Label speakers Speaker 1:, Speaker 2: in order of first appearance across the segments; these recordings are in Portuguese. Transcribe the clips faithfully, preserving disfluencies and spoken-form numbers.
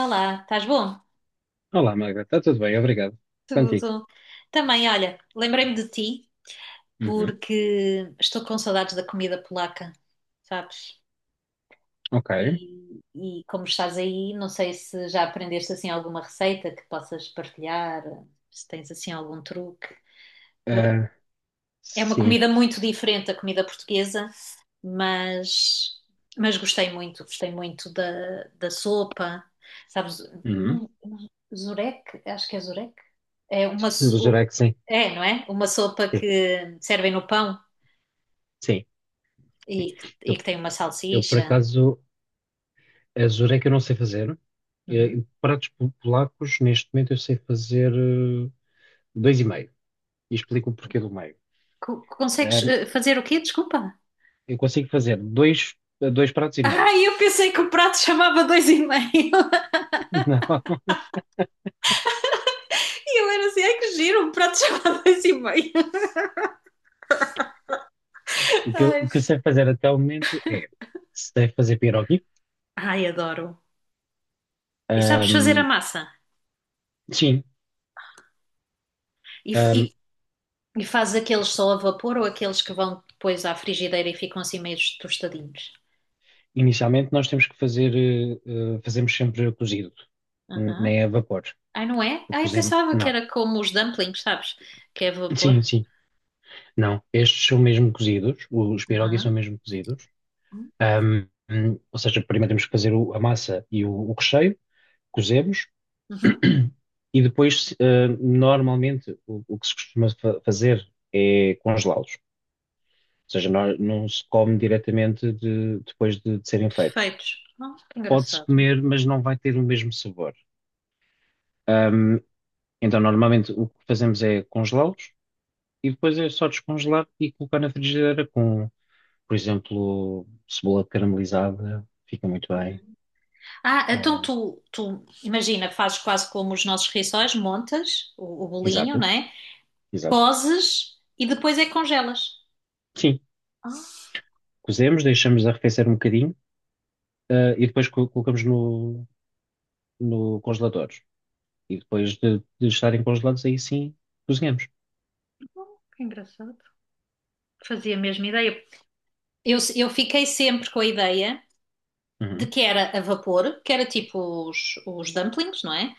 Speaker 1: Olá, estás bom?
Speaker 2: Olá, Magda. Está tudo bem? Obrigado. Contigo.
Speaker 1: Tudo. Também, olha, lembrei-me de ti
Speaker 2: Uhum.
Speaker 1: porque estou com saudades da comida polaca, sabes?
Speaker 2: Ok.
Speaker 1: E, e como estás aí, não sei se já aprendeste assim alguma receita que possas partilhar, se tens assim algum truque.
Speaker 2: Eh,
Speaker 1: É uma
Speaker 2: sim.
Speaker 1: comida muito diferente da comida portuguesa, mas, mas gostei muito, gostei muito da, da sopa, sabes?
Speaker 2: Uhum.
Speaker 1: Não, não- Zurek, acho que é Zurek. É uma,
Speaker 2: Eu jurei
Speaker 1: so-
Speaker 2: que sim.
Speaker 1: é, não é? Uma sopa
Speaker 2: Sim.
Speaker 1: que servem no pão
Speaker 2: Sim.
Speaker 1: e, e que
Speaker 2: Eu,
Speaker 1: tem uma
Speaker 2: eu, por
Speaker 1: salsicha.
Speaker 2: acaso, eh, jurei que eu não sei fazer.
Speaker 1: Uhum.
Speaker 2: Eh, pratos po- polacos, neste momento, eu sei fazer eh, dois e meio. E explico o porquê do meio.
Speaker 1: Co- Consegues
Speaker 2: Eh,
Speaker 1: eh, fazer o quê? Desculpa.
Speaker 2: eu consigo fazer dois, dois pratos e meio.
Speaker 1: Ah, eu pensei que o prato chamava dois e meio.
Speaker 2: Não.
Speaker 1: E eu era assim, ai que giro, o prato chamava dois e meio.
Speaker 2: O que, eu-
Speaker 1: Ai,
Speaker 2: o que eu sei fazer até o momento é sei fazer pierogi.
Speaker 1: Ai, adoro. E sabes fazer a
Speaker 2: Ahm,
Speaker 1: massa.
Speaker 2: sim.
Speaker 1: E, f- e, e fazes aqueles só a vapor ou aqueles que vão depois à frigideira e ficam assim meio tostadinhos?
Speaker 2: Inicialmente nós temos que fazer, eh, eh, fazemos sempre cozido, n-
Speaker 1: Aham.
Speaker 2: nem a vapor.
Speaker 1: Ai, não é?
Speaker 2: O
Speaker 1: Ai,
Speaker 2: cozemos,
Speaker 1: pensava que
Speaker 2: não.
Speaker 1: era como os dumplings, sabes? Que é vapor.
Speaker 2: Sim, sim. Não, estes são mesmo cozidos, os pierogi são
Speaker 1: Aham.
Speaker 2: mesmo cozidos. Ahm, hum, ou seja, primeiro temos que fazer o- a massa e o, o recheio, cozemos,
Speaker 1: Uhum.
Speaker 2: e depois, eh, normalmente, o, o que se costuma fa- fazer é congelá-los. Ou seja, não, não se come diretamente de- depois de de serem feitos.
Speaker 1: Perfeitos. Oh, que
Speaker 2: Pode-se
Speaker 1: engraçado.
Speaker 2: comer, mas não vai ter o mesmo sabor. Ahm, Então, normalmente o que fazemos é congelá-los e depois é só descongelar e colocar na frigideira com, por exemplo, cebola caramelizada, fica muito bem.
Speaker 1: Ah, então
Speaker 2: Ah,
Speaker 1: tu, tu, imagina, fazes quase como os nossos rissóis, montas o, o bolinho,
Speaker 2: exato,
Speaker 1: né?
Speaker 2: exato.
Speaker 1: Cozes e depois é que congelas.
Speaker 2: Sim,
Speaker 1: Ah,
Speaker 2: cozemos, deixamos arrefecer um bocadinho, ah, e depois co- colocamos no, no congelador. E depois de, de estarem congelados, aí sim cozinhamos.
Speaker 1: que engraçado. Fazia a mesma ideia. Eu, eu fiquei sempre com a ideia de
Speaker 2: Uhum,
Speaker 1: que era a vapor, que era tipo os, os dumplings, não é?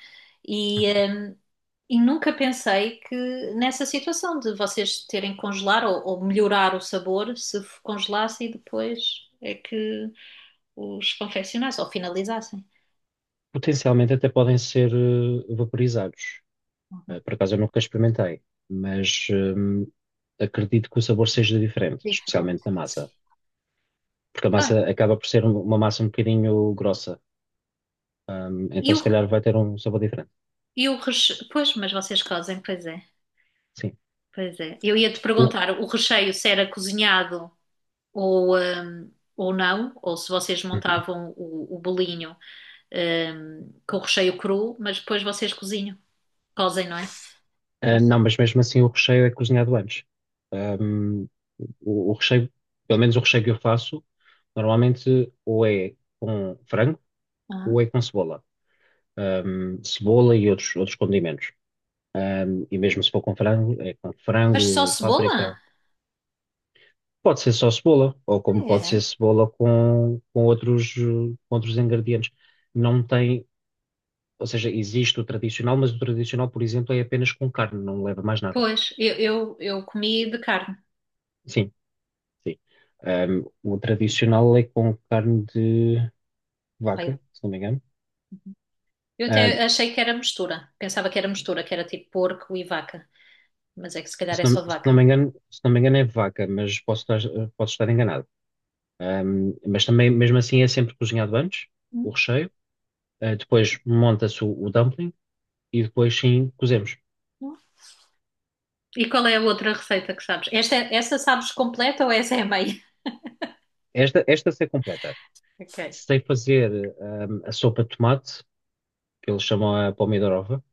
Speaker 1: E,
Speaker 2: uhum.
Speaker 1: hum, e nunca pensei que nessa situação de vocês terem que congelar ou, ou melhorar o sabor se f- congelasse e depois é que os confeccionassem ou finalizassem.
Speaker 2: Potencialmente até podem ser eh, vaporizados. Eh, Por acaso eu nunca experimentei, mas hum, acredito que o sabor seja diferente,
Speaker 1: Diferente.
Speaker 2: especialmente na massa, porque a
Speaker 1: Ah,
Speaker 2: massa acaba por ser um- uma massa um bocadinho grossa. Hum,
Speaker 1: e
Speaker 2: então
Speaker 1: o,
Speaker 2: se calhar vai ter um sabor diferente.
Speaker 1: e o recheio. Pois, mas vocês cozem, pois é.
Speaker 2: Sim.
Speaker 1: Pois é. Eu ia te
Speaker 2: O-
Speaker 1: perguntar o recheio se era cozinhado ou, hum, ou não, ou se vocês
Speaker 2: Uhum.
Speaker 1: montavam o, o bolinho hum, com o recheio cru, mas depois vocês cozinham, cozem, não é?
Speaker 2: Ah,
Speaker 1: Pois.
Speaker 2: não, mas mesmo assim o recheio é cozinhado antes. Hum, o, o recheio, pelo menos o recheio que eu faço, normalmente ou é com frango
Speaker 1: Ah,
Speaker 2: ou é com cebola. Hum, cebola e outros, outros condimentos. Um, e mesmo se for com frango, é com
Speaker 1: mas só
Speaker 2: frango,
Speaker 1: cebola?
Speaker 2: páprica. Pode ser só cebola, ou como pode ser
Speaker 1: É.
Speaker 2: cebola com, com outros, eh, com outros ingredientes. Não tem, ou seja, existe o tradicional, mas o tradicional, por exemplo, é apenas com carne, não leva mais nada.
Speaker 1: Pois, eu, eu, eu comi de carne.
Speaker 2: Sim, sim. Ahm, o tradicional é com carne de vaca,
Speaker 1: Pai,
Speaker 2: se não me engano.
Speaker 1: eu
Speaker 2: Ahm,
Speaker 1: até achei que era mistura. Pensava que era mistura, que era tipo porco e vaca. Mas é que se calhar
Speaker 2: Se
Speaker 1: é
Speaker 2: não,
Speaker 1: só
Speaker 2: se não
Speaker 1: vaca.
Speaker 2: me engano, se não me engano é vaca, mas posso estar, posso estar enganado. Ahm, mas também, mesmo assim, é sempre cozinhado antes, o
Speaker 1: Hum,
Speaker 2: recheio. Ah, depois monta-se o, o dumpling e depois sim cozemos.
Speaker 1: não. E qual é a outra receita que sabes? Esta, é essa sabes completa ou essa é a meia?
Speaker 2: Esta, esta sei completa.
Speaker 1: Ok.
Speaker 2: Sei fazer hum, a sopa de tomate, que eles chamam a pomidorova.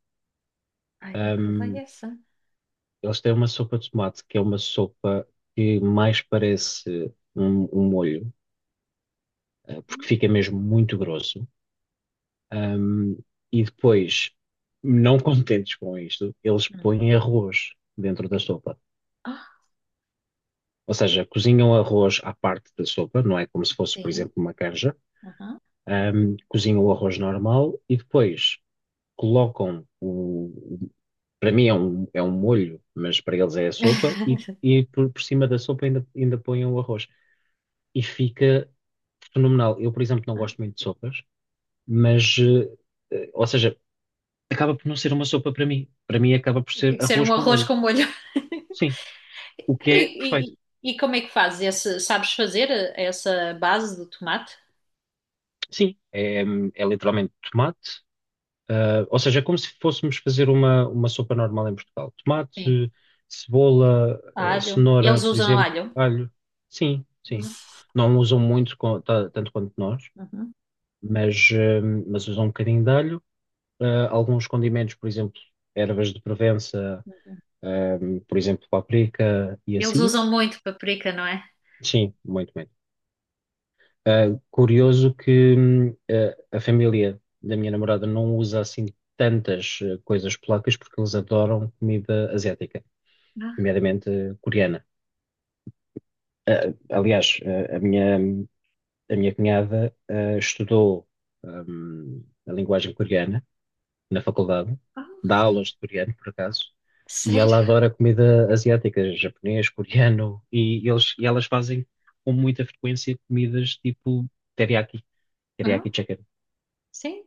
Speaker 1: Ai, não provei
Speaker 2: Hum,
Speaker 1: essa.
Speaker 2: eles têm uma sopa de tomate, que é uma sopa que mais parece um, um molho, eh, porque fica mesmo muito grosso. Hum, e depois, não contentes com isto, eles
Speaker 1: Hum.
Speaker 2: põem arroz dentro da sopa.
Speaker 1: Ah,
Speaker 2: Ou seja, cozinham arroz à parte da sopa, não é como se fosse, por
Speaker 1: sim.
Speaker 2: exemplo, uma canja.
Speaker 1: Aham.
Speaker 2: Hum, cozinham o arroz normal e depois colocam o, para mim é um, é um molho, mas para eles é a sopa, e, e por, por cima da sopa ainda, ainda põem o arroz. E fica fenomenal. Eu, por exemplo, não gosto muito de sopas, mas, eh, eh, ou seja, acaba por não ser uma sopa para mim. Para mim acaba por ser
Speaker 1: Tem que ser
Speaker 2: arroz
Speaker 1: um
Speaker 2: com
Speaker 1: arroz
Speaker 2: molho.
Speaker 1: com molho.
Speaker 2: Sim, o que é perfeito.
Speaker 1: E, e- e como é que fazes? Esse- sabes fazer essa base do tomate?
Speaker 2: Sim, é, é literalmente tomate. Ah, ou seja, é como se fôssemos fazer uma, uma sopa normal em Portugal.
Speaker 1: Sim.
Speaker 2: Tomate, cebola, ah,
Speaker 1: Alho.
Speaker 2: cenoura,
Speaker 1: Eles
Speaker 2: por
Speaker 1: usam
Speaker 2: exemplo,
Speaker 1: alho?
Speaker 2: alho. Sim, sim. Não usam muito, co- ta- tanto quanto nós,
Speaker 1: Uhum.
Speaker 2: mas, ah, mas usam um bocadinho de alho. Ah, alguns condimentos, por exemplo, ervas de Provença, ah, por exemplo, páprica e
Speaker 1: Eles
Speaker 2: assim.
Speaker 1: usam muito paprika, não é?
Speaker 2: Sim, muito, muito. Ah, curioso que hum, a a família da minha namorada não usa assim tantas eh, coisas polacas porque eles adoram comida asiática,
Speaker 1: Ah,
Speaker 2: nomeadamente eh, coreana. Ah, aliás, eh, a minha, a minha cunhada eh, estudou hum, a linguagem coreana na faculdade,
Speaker 1: ah,
Speaker 2: dá aulas de coreano, por acaso, e
Speaker 1: sério?
Speaker 2: ela adora comida asiática, japonês, coreano, e, eles, e elas fazem com muita frequência comidas tipo teriyaki,
Speaker 1: Ah,
Speaker 2: teriyaki chicken.
Speaker 1: sim.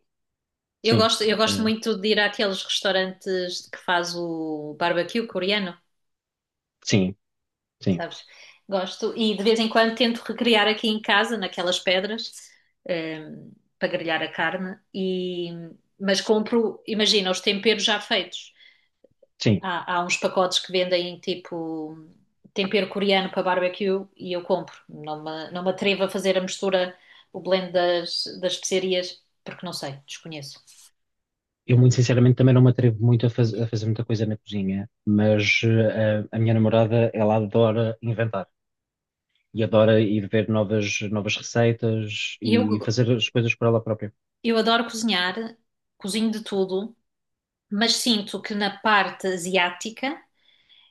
Speaker 1: Eu
Speaker 2: Sim,
Speaker 1: gosto, eu gosto
Speaker 2: eh,
Speaker 1: muito de ir àqueles restaurantes que faz o barbecue coreano,
Speaker 2: sim, sim,
Speaker 1: sabes? Gosto. E de vez em quando tento recriar aqui em casa, naquelas pedras, ehm, para grelhar a carne. E, mas compro, imagina, os temperos já feitos.
Speaker 2: sim.
Speaker 1: Há, há uns pacotes que vendem tipo tempero coreano para barbecue e eu compro. Não me, não me atrevo a fazer a mistura, o blend das, das especiarias, porque não sei, desconheço.
Speaker 2: eu, muito
Speaker 1: Eh,
Speaker 2: sinceramente, também não me atrevo muito a, faz- a fazer muita coisa na cozinha, mas eh, a, minha namorada, ela adora inventar e adora ir ver novas, novas receitas
Speaker 1: Eu,
Speaker 2: e fazer as coisas por ela própria.
Speaker 1: eu adoro cozinhar, cozinho de tudo, mas sinto que na parte asiática,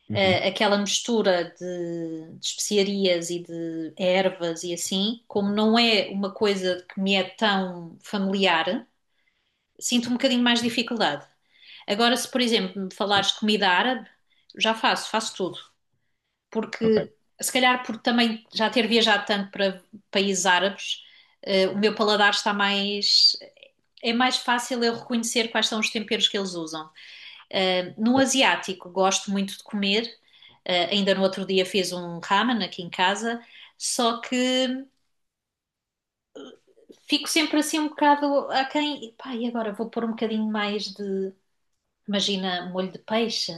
Speaker 2: Uhum,
Speaker 1: eh, aquela mistura de, de especiarias e de ervas e assim, como não é uma coisa que me é tão familiar, sinto um bocadinho mais dificuldade. Agora, se por exemplo me
Speaker 2: sim,
Speaker 1: falares de comida árabe, já faço, faço tudo.
Speaker 2: ok,
Speaker 1: Porque, se calhar, por também já ter viajado tanto para países árabes, eh, o meu paladar está mais. É mais fácil eu reconhecer quais são os temperos que eles usam. Eh, no
Speaker 2: certo.
Speaker 1: asiático, gosto muito de comer. Eh, ainda no outro dia fiz um ramen aqui em casa, só que fico sempre assim um bocado aquém. Pá, e agora vou pôr um bocadinho mais de. Imagina molho de peixe.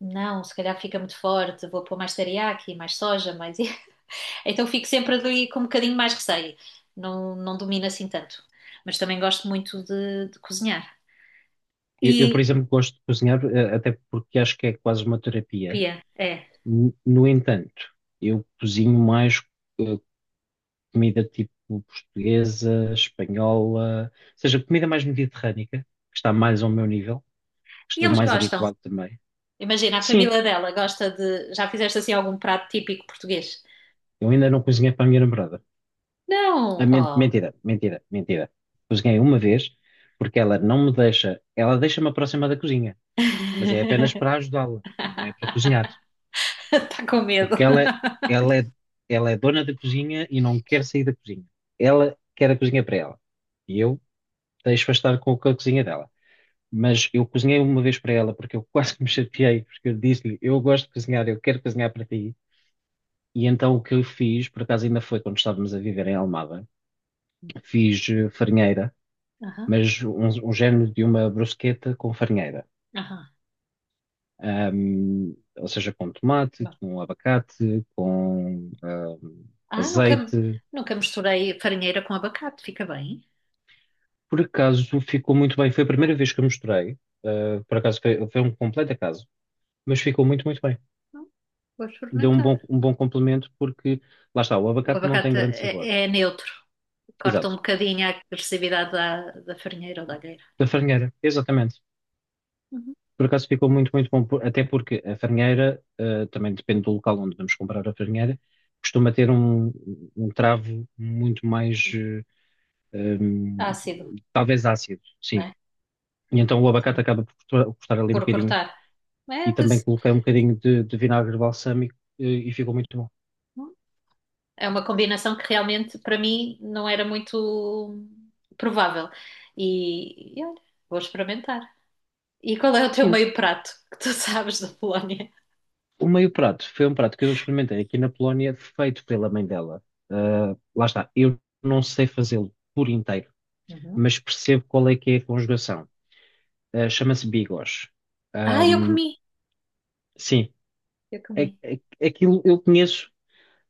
Speaker 1: Não, se calhar fica muito forte, vou pôr mais teriyaki, mais soja, mais. Então fico sempre ali com um bocadinho mais receio. Não, não domino assim tanto. Mas também gosto muito de, de cozinhar.
Speaker 2: Eu, eu, por
Speaker 1: E,
Speaker 2: exemplo, gosto de cozinhar, eh, até porque acho que é quase uma terapia.
Speaker 1: Pia, é.
Speaker 2: N- No entanto, eu cozinho mais. eh, Comida tipo portuguesa, espanhola, ou seja, comida mais mediterrânica, que está mais ao meu nível, que
Speaker 1: E
Speaker 2: estou
Speaker 1: eles
Speaker 2: mais
Speaker 1: gostam.
Speaker 2: habituado também.
Speaker 1: Imagina, a
Speaker 2: Sim,
Speaker 1: família dela gosta de. Já fizeste assim algum prato típico português?
Speaker 2: eu ainda não cozinhei para a minha namorada. Ah,
Speaker 1: Não!
Speaker 2: men-
Speaker 1: Oh!
Speaker 2: mentira, mentira, mentira. Cozinhei uma vez, porque ela não me deixa, ela deixa-me aproximar da cozinha, mas é apenas para ajudá-la, não é para cozinhar,
Speaker 1: Está com
Speaker 2: porque
Speaker 1: medo.
Speaker 2: ela, ela é, ela é dona da cozinha e não quer sair da cozinha. Ela quer a cozinha para ela. E eu deixo-a estar com a cozinha dela. Mas eu cozinhei uma vez para ela porque eu quase que me chateei, porque eu disse-lhe, eu gosto de cozinhar, eu quero cozinhar para ti. E então o que eu fiz, por acaso ainda foi quando estávamos a viver em Almada, fiz eh, farinheira,
Speaker 1: Aham,
Speaker 2: mas um, um género de uma brusqueta com farinheira.
Speaker 1: aham.
Speaker 2: Ahm, ou seja, com tomate,
Speaker 1: Bom.
Speaker 2: com abacate, com ahm,
Speaker 1: Ah, nunca,
Speaker 2: azeite.
Speaker 1: nunca misturei farinheira com abacate, fica bem.
Speaker 2: Por acaso ficou muito bem. Foi a primeira
Speaker 1: Ah,
Speaker 2: vez que eu misturei. Ah, por acaso foi, foi um completo acaso, mas ficou muito, muito bem.
Speaker 1: não. Vou
Speaker 2: Deu um
Speaker 1: experimentar.
Speaker 2: bom, um bom complemento porque, lá está, o
Speaker 1: O
Speaker 2: abacate não tem
Speaker 1: abacate
Speaker 2: grande
Speaker 1: é,
Speaker 2: sabor.
Speaker 1: é neutro, corta um
Speaker 2: Exato.
Speaker 1: bocadinho a agressividade da, da farinheira ou da alheira.
Speaker 2: Da farinheira, exatamente.
Speaker 1: Uhum.
Speaker 2: Por acaso ficou muito, muito bom, por- até porque a farinheira, eh, também depende do local onde vamos comprar a farinheira, costuma ter um, um travo muito mais, eh, hum,
Speaker 1: Ácido,
Speaker 2: talvez ácido, sim.
Speaker 1: né?
Speaker 2: E então o abacate
Speaker 1: Sim.
Speaker 2: acaba por custar, custar ali um
Speaker 1: Por
Speaker 2: bocadinho.
Speaker 1: cortar.
Speaker 2: E
Speaker 1: É,
Speaker 2: também
Speaker 1: desse-
Speaker 2: coloquei um bocadinho de, de vinagre balsâmico, eh, e ficou muito bom.
Speaker 1: É uma combinação que realmente para mim não era muito provável. E, e olha, vou experimentar. E qual é o teu
Speaker 2: Sim.
Speaker 1: meio prato que tu sabes da Polónia?
Speaker 2: O meio prato foi um prato que eu experimentei aqui na Polónia, feito pela mãe dela. Ah, lá está, eu não sei fazê-lo por inteiro,
Speaker 1: Uhum.
Speaker 2: mas percebo qual é que é a conjugação. Ah, chama-se bigos.
Speaker 1: Ah, eu
Speaker 2: Ahm,
Speaker 1: comi,
Speaker 2: sim,
Speaker 1: eu
Speaker 2: é-
Speaker 1: comi.
Speaker 2: é- aquilo eu conheço,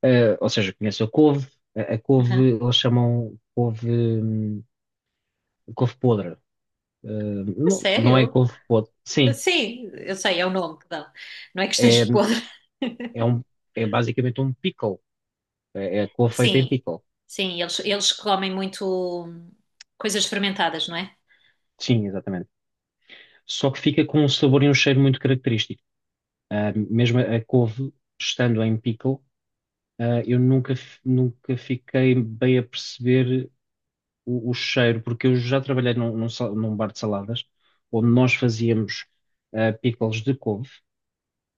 Speaker 2: ah, ou seja, conheço a couve, a, a
Speaker 1: Aham.
Speaker 2: couve eles chamam couve, hum, couve podre. Ah,
Speaker 1: A
Speaker 2: não, não é
Speaker 1: sério?
Speaker 2: couve podre, sim,
Speaker 1: Sim, eu sei, é o nome que dão. Não é que
Speaker 2: é,
Speaker 1: esteja podre.
Speaker 2: é, um, é basicamente um pickle, é, é couve feita em
Speaker 1: Sim,
Speaker 2: pickle.
Speaker 1: sim, eles, eles comem muito hum, coisas fermentadas, não é?
Speaker 2: Sim, exatamente. Só que fica com um sabor e um cheiro muito característico. Ah, mesmo a couve, estando em pickle, ah, eu nunca, f- nunca fiquei bem a perceber o, o cheiro, porque eu já trabalhei num, num sal- num bar de saladas, onde nós fazíamos ah, pickles de couve,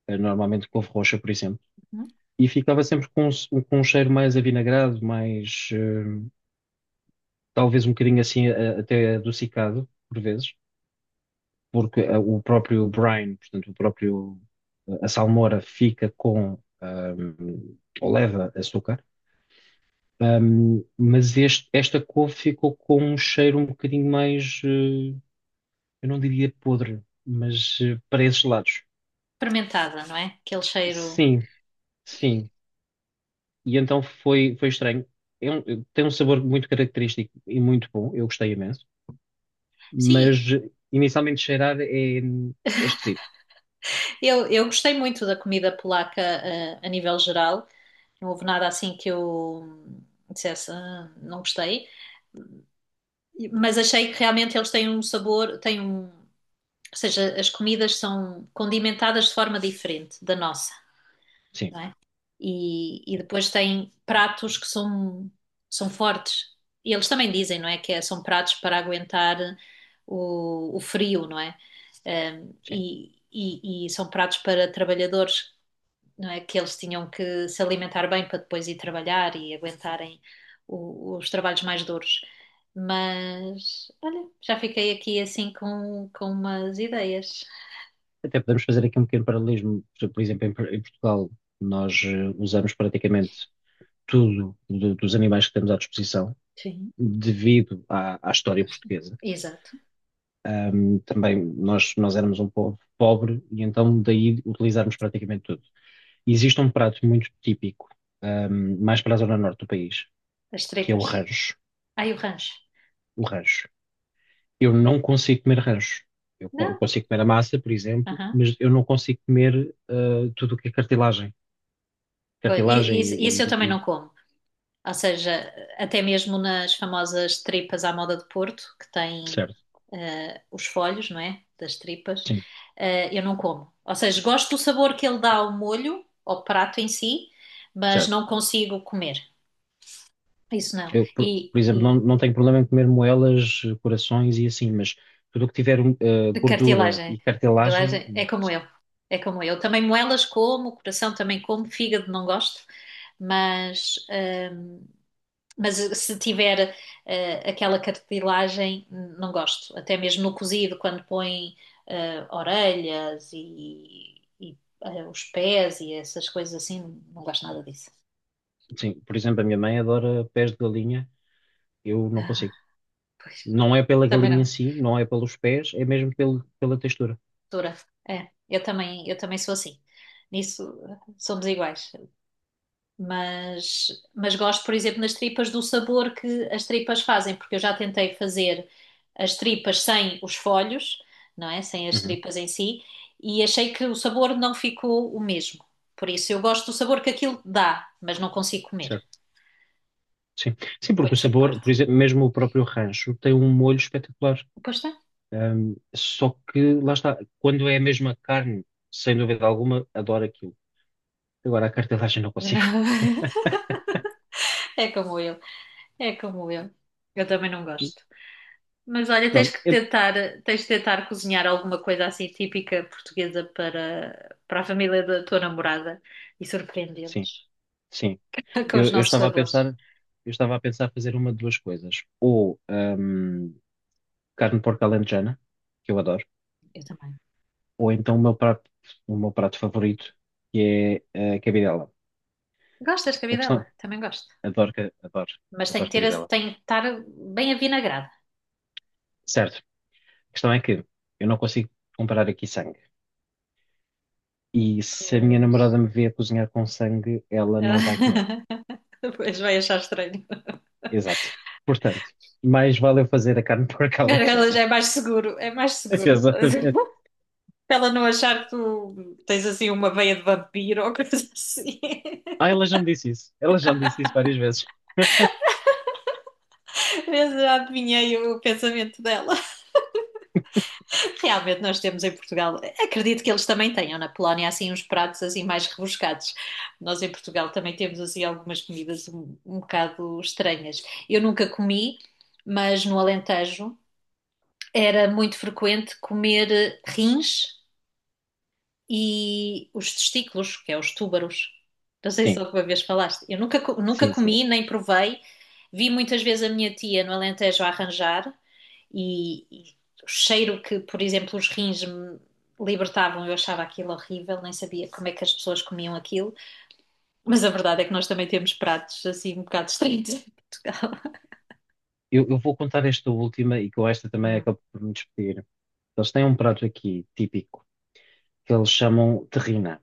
Speaker 2: ah, normalmente couve roxa, por exemplo,
Speaker 1: Uhum.
Speaker 2: e ficava sempre com, um s- com um cheiro mais avinagrado, mais, eh, talvez um bocadinho assim, a- até adocicado, por vezes. Porque eh, o próprio Brian, portanto, o próprio, eh, a salmoura fica com, ahm, ou leva açúcar, ahm, mas este- esta couve ficou com um cheiro um bocadinho mais, eh, eu não diria podre, mas eh, para esses lados.
Speaker 1: Fermentada, não é? Aquele cheiro.
Speaker 2: Sim, sim. E então foi, foi estranho. É um- tem um sabor muito característico e muito bom, eu gostei imenso,
Speaker 1: Sim,
Speaker 2: mas eh, inicialmente cheirar é, é esquisito.
Speaker 1: eu, eu gostei muito da comida polaca, eh, a nível geral. Não houve nada assim que eu dissesse, "Ah, não gostei." Mas achei que realmente eles têm um sabor, têm um, ou seja, as comidas são condimentadas de forma diferente da nossa,
Speaker 2: Sim,
Speaker 1: não é? E, e
Speaker 2: sim,
Speaker 1: depois têm pratos que são, são fortes. E eles também dizem, não é? Que é- são pratos para aguentar o, o frio, não é? Ahm,
Speaker 2: sim.
Speaker 1: e, e- e são pratos para trabalhadores, não é? Que eles tinham que se alimentar bem para depois ir trabalhar e aguentarem o- os trabalhos mais duros. Mas, olha, já fiquei aqui assim com, com, umas ideias.
Speaker 2: Até podemos fazer aqui um pequeno paralelismo. Por por exemplo, em, Por- em Portugal, nós eh, usamos praticamente tudo do- dos animais que temos à disposição,
Speaker 1: Sim.
Speaker 2: devido à, à história portuguesa.
Speaker 1: Exato.
Speaker 2: Ahm, também nós, nós éramos um povo pobre e então daí utilizarmos praticamente tudo. Existe um prato muito típico, ahm, mais para a zona norte do país,
Speaker 1: As
Speaker 2: que é o
Speaker 1: tripas.
Speaker 2: rancho.
Speaker 1: Ai, o rancho.
Speaker 2: O rancho. Eu não consigo comer rancho. Eu, co- eu
Speaker 1: Não?
Speaker 2: consigo comer a massa, por exemplo,
Speaker 1: Aham.
Speaker 2: mas eu não consigo comer ah, tudo o que é cartilagem.
Speaker 1: Pois, e- e
Speaker 2: Cartilagem
Speaker 1: isso,
Speaker 2: e,
Speaker 1: isso eu também
Speaker 2: e- e-
Speaker 1: não como. Ou seja, até mesmo nas famosas tripas à moda de Porto, que têm
Speaker 2: certo,
Speaker 1: eh, os folhos, não é? Das tripas,
Speaker 2: sim,
Speaker 1: eh, eu não como. Ou seja, gosto do sabor que ele dá ao molho, ao prato em si, mas
Speaker 2: certo.
Speaker 1: não consigo comer. Isso não.
Speaker 2: Eu, por,
Speaker 1: E,
Speaker 2: por exemplo, não,
Speaker 1: e
Speaker 2: não tenho problema em comer moelas, corações e assim, mas tudo o que tiver um, eh,
Speaker 1: de
Speaker 2: gordura
Speaker 1: cartilagem.
Speaker 2: e cartilagem,
Speaker 1: Cartilagem é
Speaker 2: não
Speaker 1: como eu.
Speaker 2: consigo.
Speaker 1: É como eu. Também moelas como, coração também como, fígado não gosto, mas. ehm, Mas se tiver eh, aquela cartilagem, não gosto. Até mesmo no cozido, quando põe eh, orelhas e, e, eh, os pés e essas coisas assim, não gosto nada disso.
Speaker 2: Sim, por exemplo, a minha mãe adora pés de galinha, eu não
Speaker 1: Ah,
Speaker 2: consigo.
Speaker 1: pois,
Speaker 2: Não é pela
Speaker 1: também
Speaker 2: galinha em
Speaker 1: não.
Speaker 2: si, não é pelos pés, é mesmo pelo, pela textura.
Speaker 1: Dura. É, eu também, eu também sou assim. Nisso eh, somos iguais. Mas, mas gosto, por exemplo, nas tripas do sabor que as tripas fazem, porque eu já tentei fazer as tripas sem os folhos, não é? Sem as
Speaker 2: Uhum,
Speaker 1: tripas em si, e achei que o sabor não ficou o mesmo. Por isso, eu gosto do sabor que aquilo dá, mas não consigo comer.
Speaker 2: certo, sim. Sim, porque
Speaker 1: Ponho
Speaker 2: o
Speaker 1: sempre
Speaker 2: sabor,
Speaker 1: parte.
Speaker 2: por exemplo, mesmo o próprio rancho tem um molho espetacular.
Speaker 1: Pois está.
Speaker 2: Ahm, só que lá está, quando é a mesma carne, sem dúvida alguma, adoro aquilo. Agora a cartelagem não consigo.
Speaker 1: Não. É como eu, é como eu. Eu também não gosto. Mas
Speaker 2: Mas
Speaker 1: olha, tens
Speaker 2: pronto,
Speaker 1: que
Speaker 2: eu-
Speaker 1: tentar, tens de tentar cozinhar alguma coisa assim típica portuguesa para, para, a família da tua namorada e
Speaker 2: sim,
Speaker 1: surpreendê-los
Speaker 2: sim.
Speaker 1: com
Speaker 2: Eu,
Speaker 1: os
Speaker 2: eu
Speaker 1: nossos
Speaker 2: Estava a pensar,
Speaker 1: sabores.
Speaker 2: eu estava a pensar fazer uma de duas coisas. Ou hum, carne de porco alentejana, que eu adoro,
Speaker 1: Eu também.
Speaker 2: ou então o meu prato, o meu prato favorito, que é eh, a cabidela.
Speaker 1: Gostas de
Speaker 2: A questão,
Speaker 1: cabidela? Também gosto.
Speaker 2: adoro, ca- adoro,
Speaker 1: Mas tem que
Speaker 2: adoro
Speaker 1: ter, esse-
Speaker 2: cabidela.
Speaker 1: tem que estar bem avinagrada.
Speaker 2: Certo. A questão é que eu não consigo comprar aqui sangue. E se a minha
Speaker 1: Pois.
Speaker 2: namorada me vê a cozinhar com sangue, ela não vai comer.
Speaker 1: Pois vai achar estranho.
Speaker 2: Exato. Portanto, mais vale eu fazer a carne de porco
Speaker 1: Ela
Speaker 2: alentejana.
Speaker 1: já é mais seguro, é mais seguro.
Speaker 2: Exatamente.
Speaker 1: Para ela não achar que tu tens assim uma veia de vampiro ou coisa assim.
Speaker 2: Ah, ela já me disse isso. Ela já me disse isso várias vezes.
Speaker 1: Eu já adivinhei o pensamento dela. Realmente nós temos em Portugal, acredito que eles também tenham na Polónia assim uns pratos assim mais rebuscados. Nós em Portugal também temos assim algumas comidas um, um bocado estranhas. Eu nunca comi, mas no Alentejo era muito frequente comer eh, rins e os testículos, que é os túbaros. Não sei se
Speaker 2: Sim,
Speaker 1: alguma vez falaste. Eu nunca, co- nunca
Speaker 2: sim, sim.
Speaker 1: comi, nem provei. Vi muitas vezes a minha tia no Alentejo a arranjar, e, e o cheiro que, por exemplo, os rins me libertavam, eu achava aquilo horrível, nem sabia como é que as pessoas comiam aquilo, mas a verdade é que nós também temos pratos assim um bocado estranhos em Portugal.
Speaker 2: Eu, eu vou contar esta última e com esta também
Speaker 1: Uhum.
Speaker 2: acabo por me despedir. Eles têm um prato aqui típico que eles chamam terrina.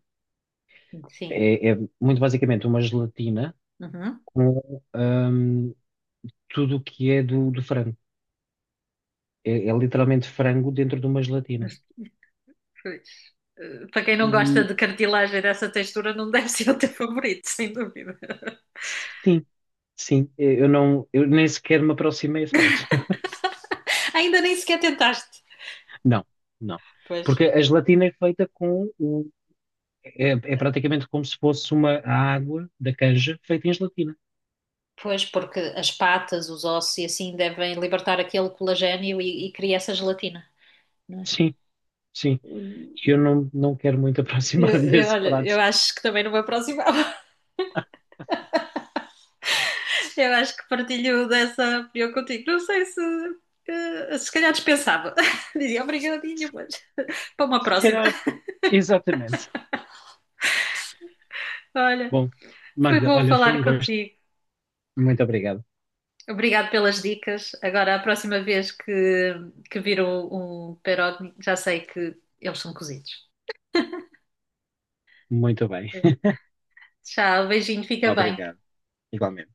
Speaker 1: Sim.
Speaker 2: É, é muito basicamente uma gelatina
Speaker 1: Uhum.
Speaker 2: com hum, tudo o que é do, do frango. É, é literalmente frango dentro de uma gelatina.
Speaker 1: Pois. Eh, Para quem não gosta
Speaker 2: E
Speaker 1: de cartilagem dessa textura, não deve ser o teu favorito, sem dúvida.
Speaker 2: sim, sim, eu não, eu nem sequer me aproximei a esse prato.
Speaker 1: Ainda nem sequer tentaste.
Speaker 2: Não, não.
Speaker 1: Pois.
Speaker 2: Porque a gelatina é feita com o é, é praticamente como se fosse uma água da canja feita em gelatina.
Speaker 1: Pois, porque as patas, os ossos e assim devem libertar aquele colagênio e, e cria essa gelatina, não é?
Speaker 2: Sim, sim. E eu não, não quero muito
Speaker 1: Eu,
Speaker 2: aproximar
Speaker 1: eu,
Speaker 2: desse
Speaker 1: olha, eu
Speaker 2: prato.
Speaker 1: acho que também não me aproximava. Eu acho que partilho dessa opinião contigo. Não sei se. eh, Se calhar dispensava. Dizia obrigadinho, mas para uma
Speaker 2: Se
Speaker 1: próxima.
Speaker 2: calhar, exatamente.
Speaker 1: Olha,
Speaker 2: Bom,
Speaker 1: foi
Speaker 2: Magda,
Speaker 1: bom
Speaker 2: olha, foi um
Speaker 1: falar
Speaker 2: gosto.
Speaker 1: contigo.
Speaker 2: Muito obrigado.
Speaker 1: Obrigado pelas dicas. Agora, a próxima vez que, que vir um, um, pierogi, já sei que eles são cozidos.
Speaker 2: Muito bem.
Speaker 1: Tchau, beijinho, fica bem.
Speaker 2: Obrigado. Igualmente.